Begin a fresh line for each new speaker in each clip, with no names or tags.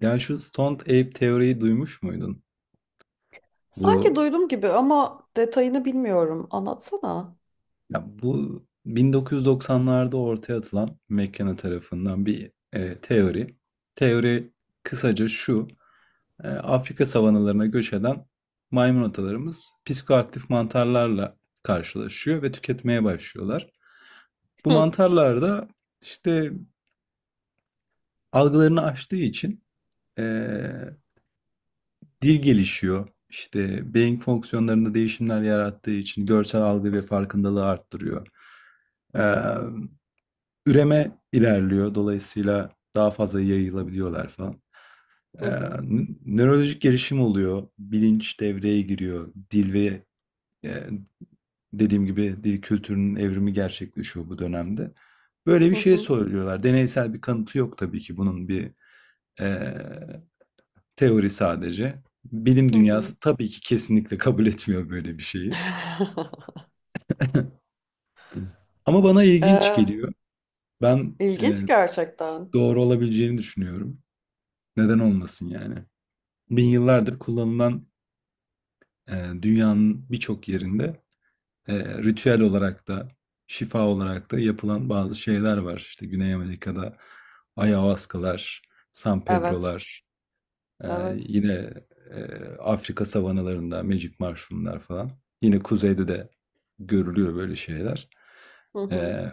Ya şu Stoned Ape teoriyi duymuş muydun?
Sanki
Bu
duydum gibi ama detayını bilmiyorum. Anlatsana.
bu 1990'larda ortaya atılan McKenna tarafından bir teori. Teori kısaca şu. Afrika savanalarına göç eden maymun atalarımız psikoaktif mantarlarla karşılaşıyor ve tüketmeye başlıyorlar. Bu
Hı
mantarlar da işte algılarını aştığı için e, dil gelişiyor. İşte, beyin fonksiyonlarında değişimler yarattığı için görsel algı ve farkındalığı arttırıyor. Emm, Üreme ilerliyor. Dolayısıyla daha fazla yayılabiliyorlar falan.
hı hı
Nö Nörolojik gelişim oluyor. Bilinç devreye giriyor. Eee, dediğim gibi dil kültürünün evrimi gerçekleşiyor bu dönemde. Böyle bir
hı
şey
hı.
söylüyorlar. Deneysel bir kanıtı yok tabii ki eee teori sadece. Bilim
Hı.
dünyası tabii ki kesinlikle kabul etmiyor böyle bir şeyi. Ama bana ilginç
Ee,
geliyor. Ben e,
ilginç gerçekten.
doğru olabileceğini düşünüyorum. Neden olmasın yani? Bin yıllardır kullanılan, e, dünyanın birçok yerinde, ritüel olarak da şifa olarak da yapılan bazı şeyler var. İşte Güney Amerika'da ayahuascalar, San
Evet,
Pedro'lar, Eee,
evet.
yine, Afrika savanalarında Magic mushroom'lar falan. Yine kuzeyde de görülüyor böyle şeyler.
Hı hı.
Eee,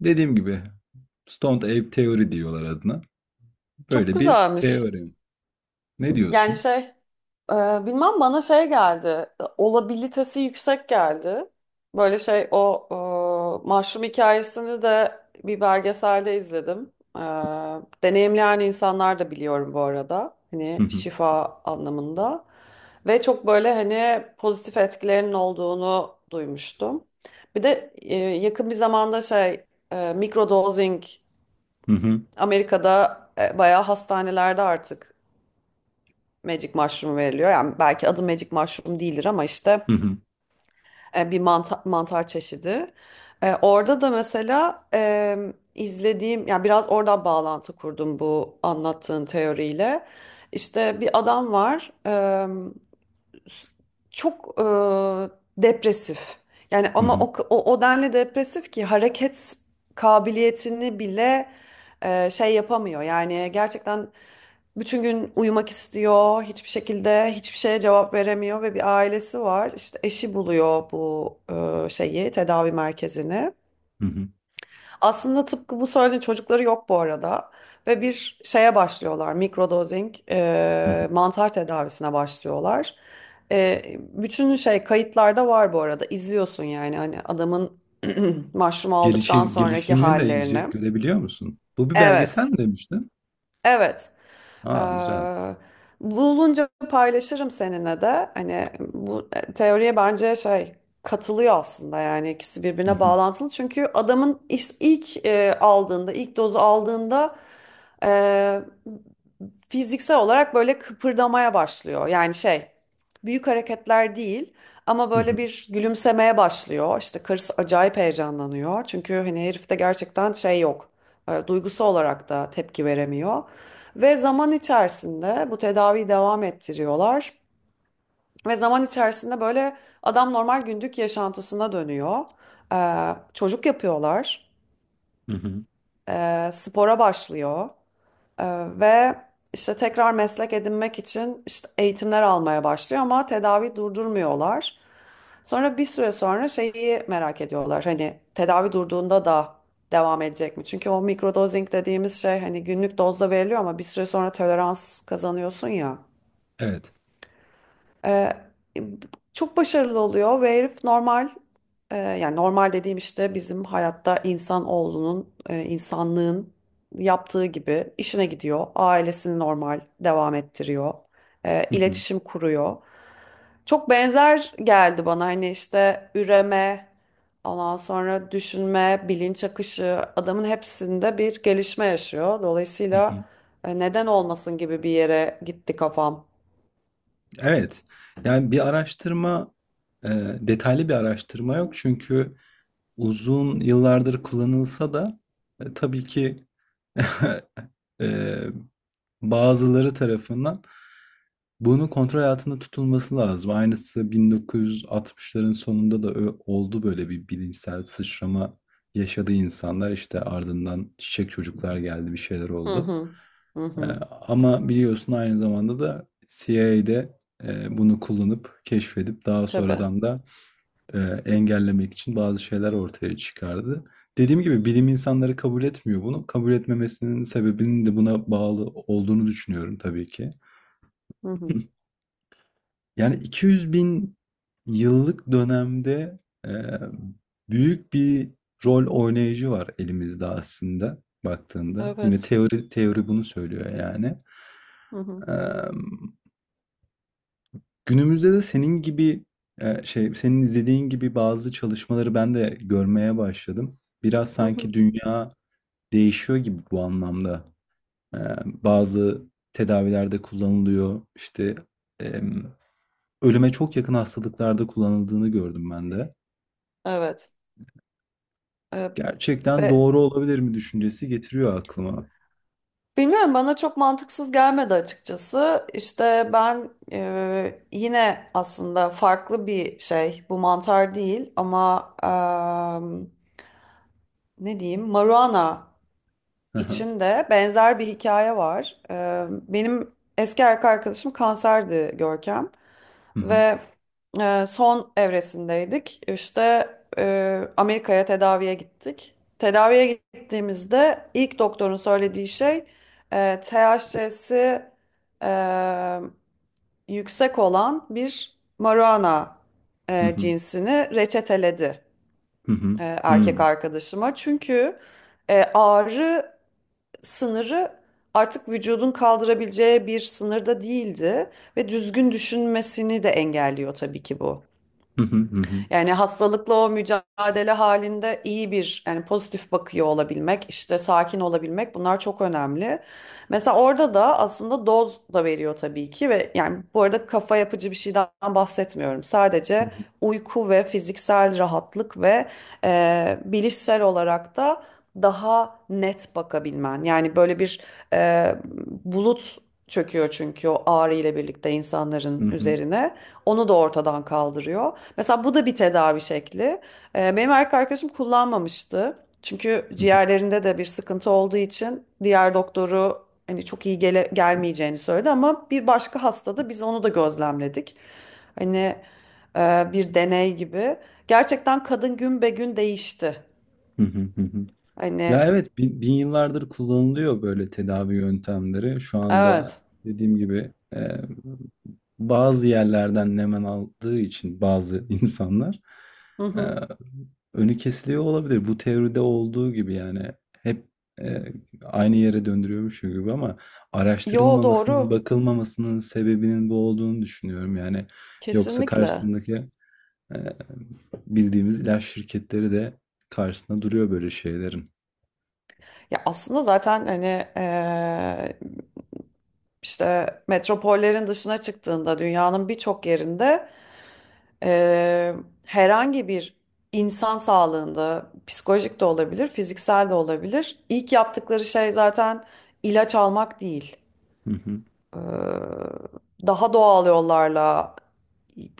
Dediğim gibi Stoned Ape Theory diyorlar adına.
Çok
Böyle bir
güzelmiş.
teorem. Ne
Yani
diyorsun?
şey, Ee, bilmem bana şey geldi. Olabilitesi yüksek geldi. Böyle şey o e, Mahşum hikayesini de bir belgeselde izledim. Deneyimleyen insanlar da biliyorum bu arada.
Hı
Hani
hı.
şifa anlamında. Ve çok böyle hani pozitif etkilerinin olduğunu duymuştum. Bir de yakın bir zamanda mikrodozing
Hı hı.
Amerika'da bayağı hastanelerde artık Magic mushroom veriliyor. Yani belki adı magic mushroom değildir ama işte
Hı hı.
bir mantar çeşidi. Orada da mesela izlediğim, yani biraz oradan bağlantı kurdum bu anlattığın teoriyle. İşte bir adam var, çok depresif. Yani
Hı
ama
hı.
o denli depresif ki hareket kabiliyetini bile şey yapamıyor. Yani gerçekten bütün gün uyumak istiyor, hiçbir şekilde hiçbir şeye cevap veremiyor ve bir ailesi var. İşte eşi buluyor bu şeyi, tedavi merkezini.
Hı hı.
Aslında tıpkı bu söylediğin çocukları yok bu arada ve bir şeye başlıyorlar, mikrodozing
Hı hı.
mantar tedavisine başlıyorlar. Bütün şey kayıtlarda var bu arada, izliyorsun yani hani adamın mushroom aldıktan
Gelişi
sonraki
gelişimini de izley
hallerini.
görebiliyor musun? Bu bir belgesel
Evet,
mi demiştin?
evet,
Aa güzel.
ee, bulunca paylaşırım seninle de. Hani bu teoriye bence şey katılıyor aslında, yani ikisi
Hı
birbirine
hı.
bağlantılı. Çünkü ilk aldığında, ilk dozu aldığında e, fiziksel olarak böyle kıpırdamaya başlıyor. Yani şey, büyük hareketler değil ama
Hı hı.
böyle bir gülümsemeye başlıyor. İşte karısı acayip heyecanlanıyor. Çünkü hani herifte gerçekten şey yok. Duygusu olarak da tepki veremiyor. Ve zaman içerisinde bu tedaviyi devam ettiriyorlar. Ve zaman içerisinde böyle adam normal gündük yaşantısına dönüyor. E, Çocuk yapıyorlar.
Hı hı.
Spora başlıyor. Ee, ve işte tekrar meslek edinmek için işte eğitimler almaya başlıyor ama tedavi durdurmuyorlar. Sonra bir süre sonra şeyi merak ediyorlar. Hani tedavi durduğunda da devam edecek mi? Çünkü o mikrodozing dediğimiz şey hani günlük dozda veriliyor ama bir süre sonra tolerans kazanıyorsun ya.
Evet.
Ee, Çok başarılı oluyor ve herif normal yani normal dediğim işte bizim hayatta insanlığın yaptığı gibi işine gidiyor. Ailesini normal devam ettiriyor.
Hı hı.
İletişim kuruyor. Çok benzer geldi bana, hani işte üreme, ondan sonra düşünme, bilinç akışı, adamın hepsinde bir gelişme yaşıyor.
Hı hı.
Dolayısıyla neden olmasın gibi bir yere gitti kafam.
Evet. Yani bir araştırma, e, detaylı bir araştırma yok. Çünkü uzun yıllardır kullanılsa da, tabii ki, e, bazıları tarafından bunun kontrol altında tutulması lazım. Aynısı 1960'ların sonunda da oldu. Böyle bir bilimsel sıçrama yaşadı insanlar. İşte ardından çiçek çocuklar geldi, bir şeyler
Hı
oldu.
hı. Hı
Ee,
hı.
Ama biliyorsun aynı zamanda da CIA'de bunu kullanıp keşfedip daha
Tabii.
sonradan da e, engellemek için bazı şeyler ortaya çıkardı. Dediğim gibi bilim insanları kabul etmiyor bunu. Kabul etmemesinin sebebinin de buna bağlı olduğunu düşünüyorum tabii ki.
Hı hı.
200 bin yıllık dönemde e, büyük bir rol oynayıcı var elimizde, aslında baktığında. Yine
Evet.
teori bunu söylüyor yani.
Hı hı.
Eee, Günümüzde de senin izlediğin gibi bazı çalışmaları ben de görmeye başladım. Biraz
Hı hı.
sanki dünya değişiyor gibi bu anlamda. Bazı tedavilerde kullanılıyor. İşte, emm, ölüme çok yakın hastalıklarda kullanıldığını gördüm ben de.
Evet. Ee,
Gerçekten
be-
doğru olabilir mi düşüncesi getiriyor aklıma.
bilmiyorum, bana çok mantıksız gelmedi açıkçası. İşte ben yine aslında farklı bir şey. Bu mantar değil ama ne diyeyim? Maruana içinde benzer bir hikaye var. Benim eski erkek arkadaşım kanserdi, Görkem,
Hı hı.
ve son evresindeydik. İşte Amerika'ya tedaviye gittik. Tedaviye gittiğimizde ilk doktorun söylediği şey, THC'si e, yüksek olan bir marijuana
Hı hı.
cinsini reçeteledi
Hı hı. Hı hı.
erkek arkadaşıma. Çünkü ağrı sınırı artık vücudun kaldırabileceği bir sınırda değildi ve düzgün düşünmesini de engelliyor tabii ki bu.
Hı hı. Hı hı.
Yani hastalıkla o mücadele halinde iyi bir, yani pozitif bakıyor olabilmek, işte sakin olabilmek, bunlar çok önemli. Mesela orada da aslında doz da veriyor tabii ki ve yani bu arada kafa yapıcı bir şeyden bahsetmiyorum.
Hı
Sadece
hı.
uyku ve fiziksel rahatlık ve bilişsel olarak da daha net bakabilmen. Yani böyle bir e, bulut çöküyor çünkü o ağrı ile birlikte
Hı
insanların
hı.
üzerine. Onu da ortadan kaldırıyor. Mesela bu da bir tedavi şekli. Benim erkek arkadaşım kullanmamıştı. Çünkü
Hı hı.
ciğerlerinde de bir sıkıntı olduğu için diğer doktoru hani çok iyi gelmeyeceğini söyledi ama bir başka hastada biz onu da gözlemledik. Hani bir deney gibi. Gerçekten kadın gün be gün değişti.
Hı hı. Hı hı. Ya
Hani
evet, bin yıllardır kullanılıyor böyle tedavi yöntemleri. Şu anda
evet.
dediğim gibi, bazı yerlerden nemen aldığı için bazı insanlar,
Hı
e,
hı.
önü kesiliyor olabilir. Bu teoride olduğu gibi yani hep e, aynı yere döndürüyormuş gibi, ama
Yo
araştırılmamasının,
doğru.
bakılmamasının sebebinin bu olduğunu düşünüyorum. Yani yoksa
Kesinlikle.
karşısındaki Eee, bildiğimiz ilaç şirketleri de karşısında duruyor böyle şeylerin.
Ya aslında zaten hani e, işte metropollerin dışına çıktığında dünyanın birçok yerinde Eee, herhangi bir insan sağlığında psikolojik de olabilir, fiziksel de olabilir. İlk yaptıkları şey zaten ilaç almak değil.
Hı hı.
Ee, Daha doğal yollarla,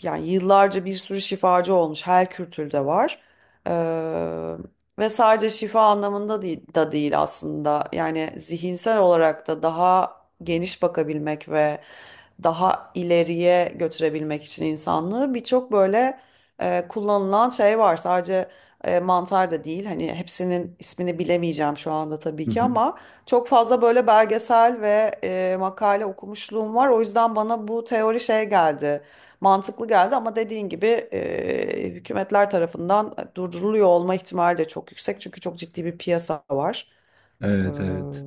yani yıllarca bir sürü şifacı olmuş. Her kültürde var. Ee, Ve sadece şifa anlamında değil, da değil aslında. Yani zihinsel olarak da daha geniş bakabilmek ve daha ileriye götürebilmek için insanlığı birçok böyle kullanılan şey var. Sadece mantar da değil. Hani hepsinin ismini bilemeyeceğim şu anda tabii
Hı
ki
hı.
ama çok fazla böyle belgesel ve makale okumuşluğum var. O yüzden bana bu teori şey geldi, mantıklı geldi ama dediğin gibi hükümetler tarafından durduruluyor olma ihtimali de çok yüksek. Çünkü çok ciddi bir piyasa var. Ee,
Evet, evet.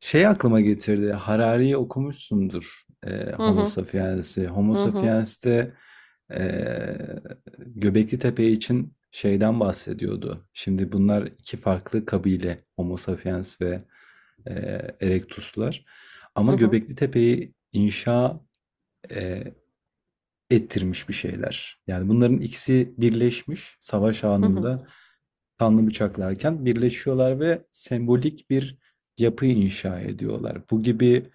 Şey aklıma getirdi. Harari'yi okumuşsundur. E,
Hı
Homo
hı,
Sapiens'i. Homo
hı hı,
Sapiens'te e, Göbekli Tepe için şeyden bahsediyordu. Şimdi bunlar iki farklı kabile. Homo Sapiens ve e, Erectus'lar.
hı
Ama
hı,
Göbekli Tepe'yi inşa e, ettirmiş bir şeyler. Yani bunların ikisi birleşmiş, savaş
hı hı.
anında kanlı bıçaklarken birleşiyorlar ve sembolik bir yapı inşa ediyorlar. Bu gibi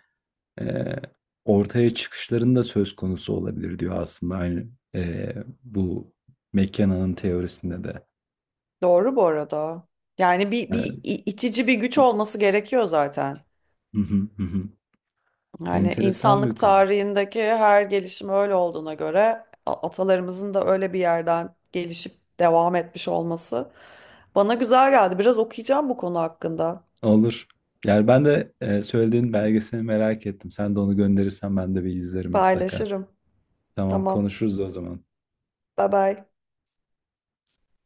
eee, ortaya çıkışlarında söz konusu olabilir diyor, aslında aynı bu McKenna'nın teorisinde de.
Doğru bu arada. Yani bir
Yani,
itici bir güç olması gerekiyor zaten.
hı hı, hı hı.
Yani
Enteresan
insanlık
bir konu.
tarihindeki her gelişim öyle olduğuna göre atalarımızın da öyle bir yerden gelişip devam etmiş olması bana güzel geldi. Biraz okuyacağım bu konu hakkında.
Olur. Yani ben de söylediğin belgesini merak ettim. Sen de onu gönderirsen ben de bir izlerim mutlaka.
Paylaşırım.
Tamam,
Tamam.
konuşuruz o zaman.
Bye bye.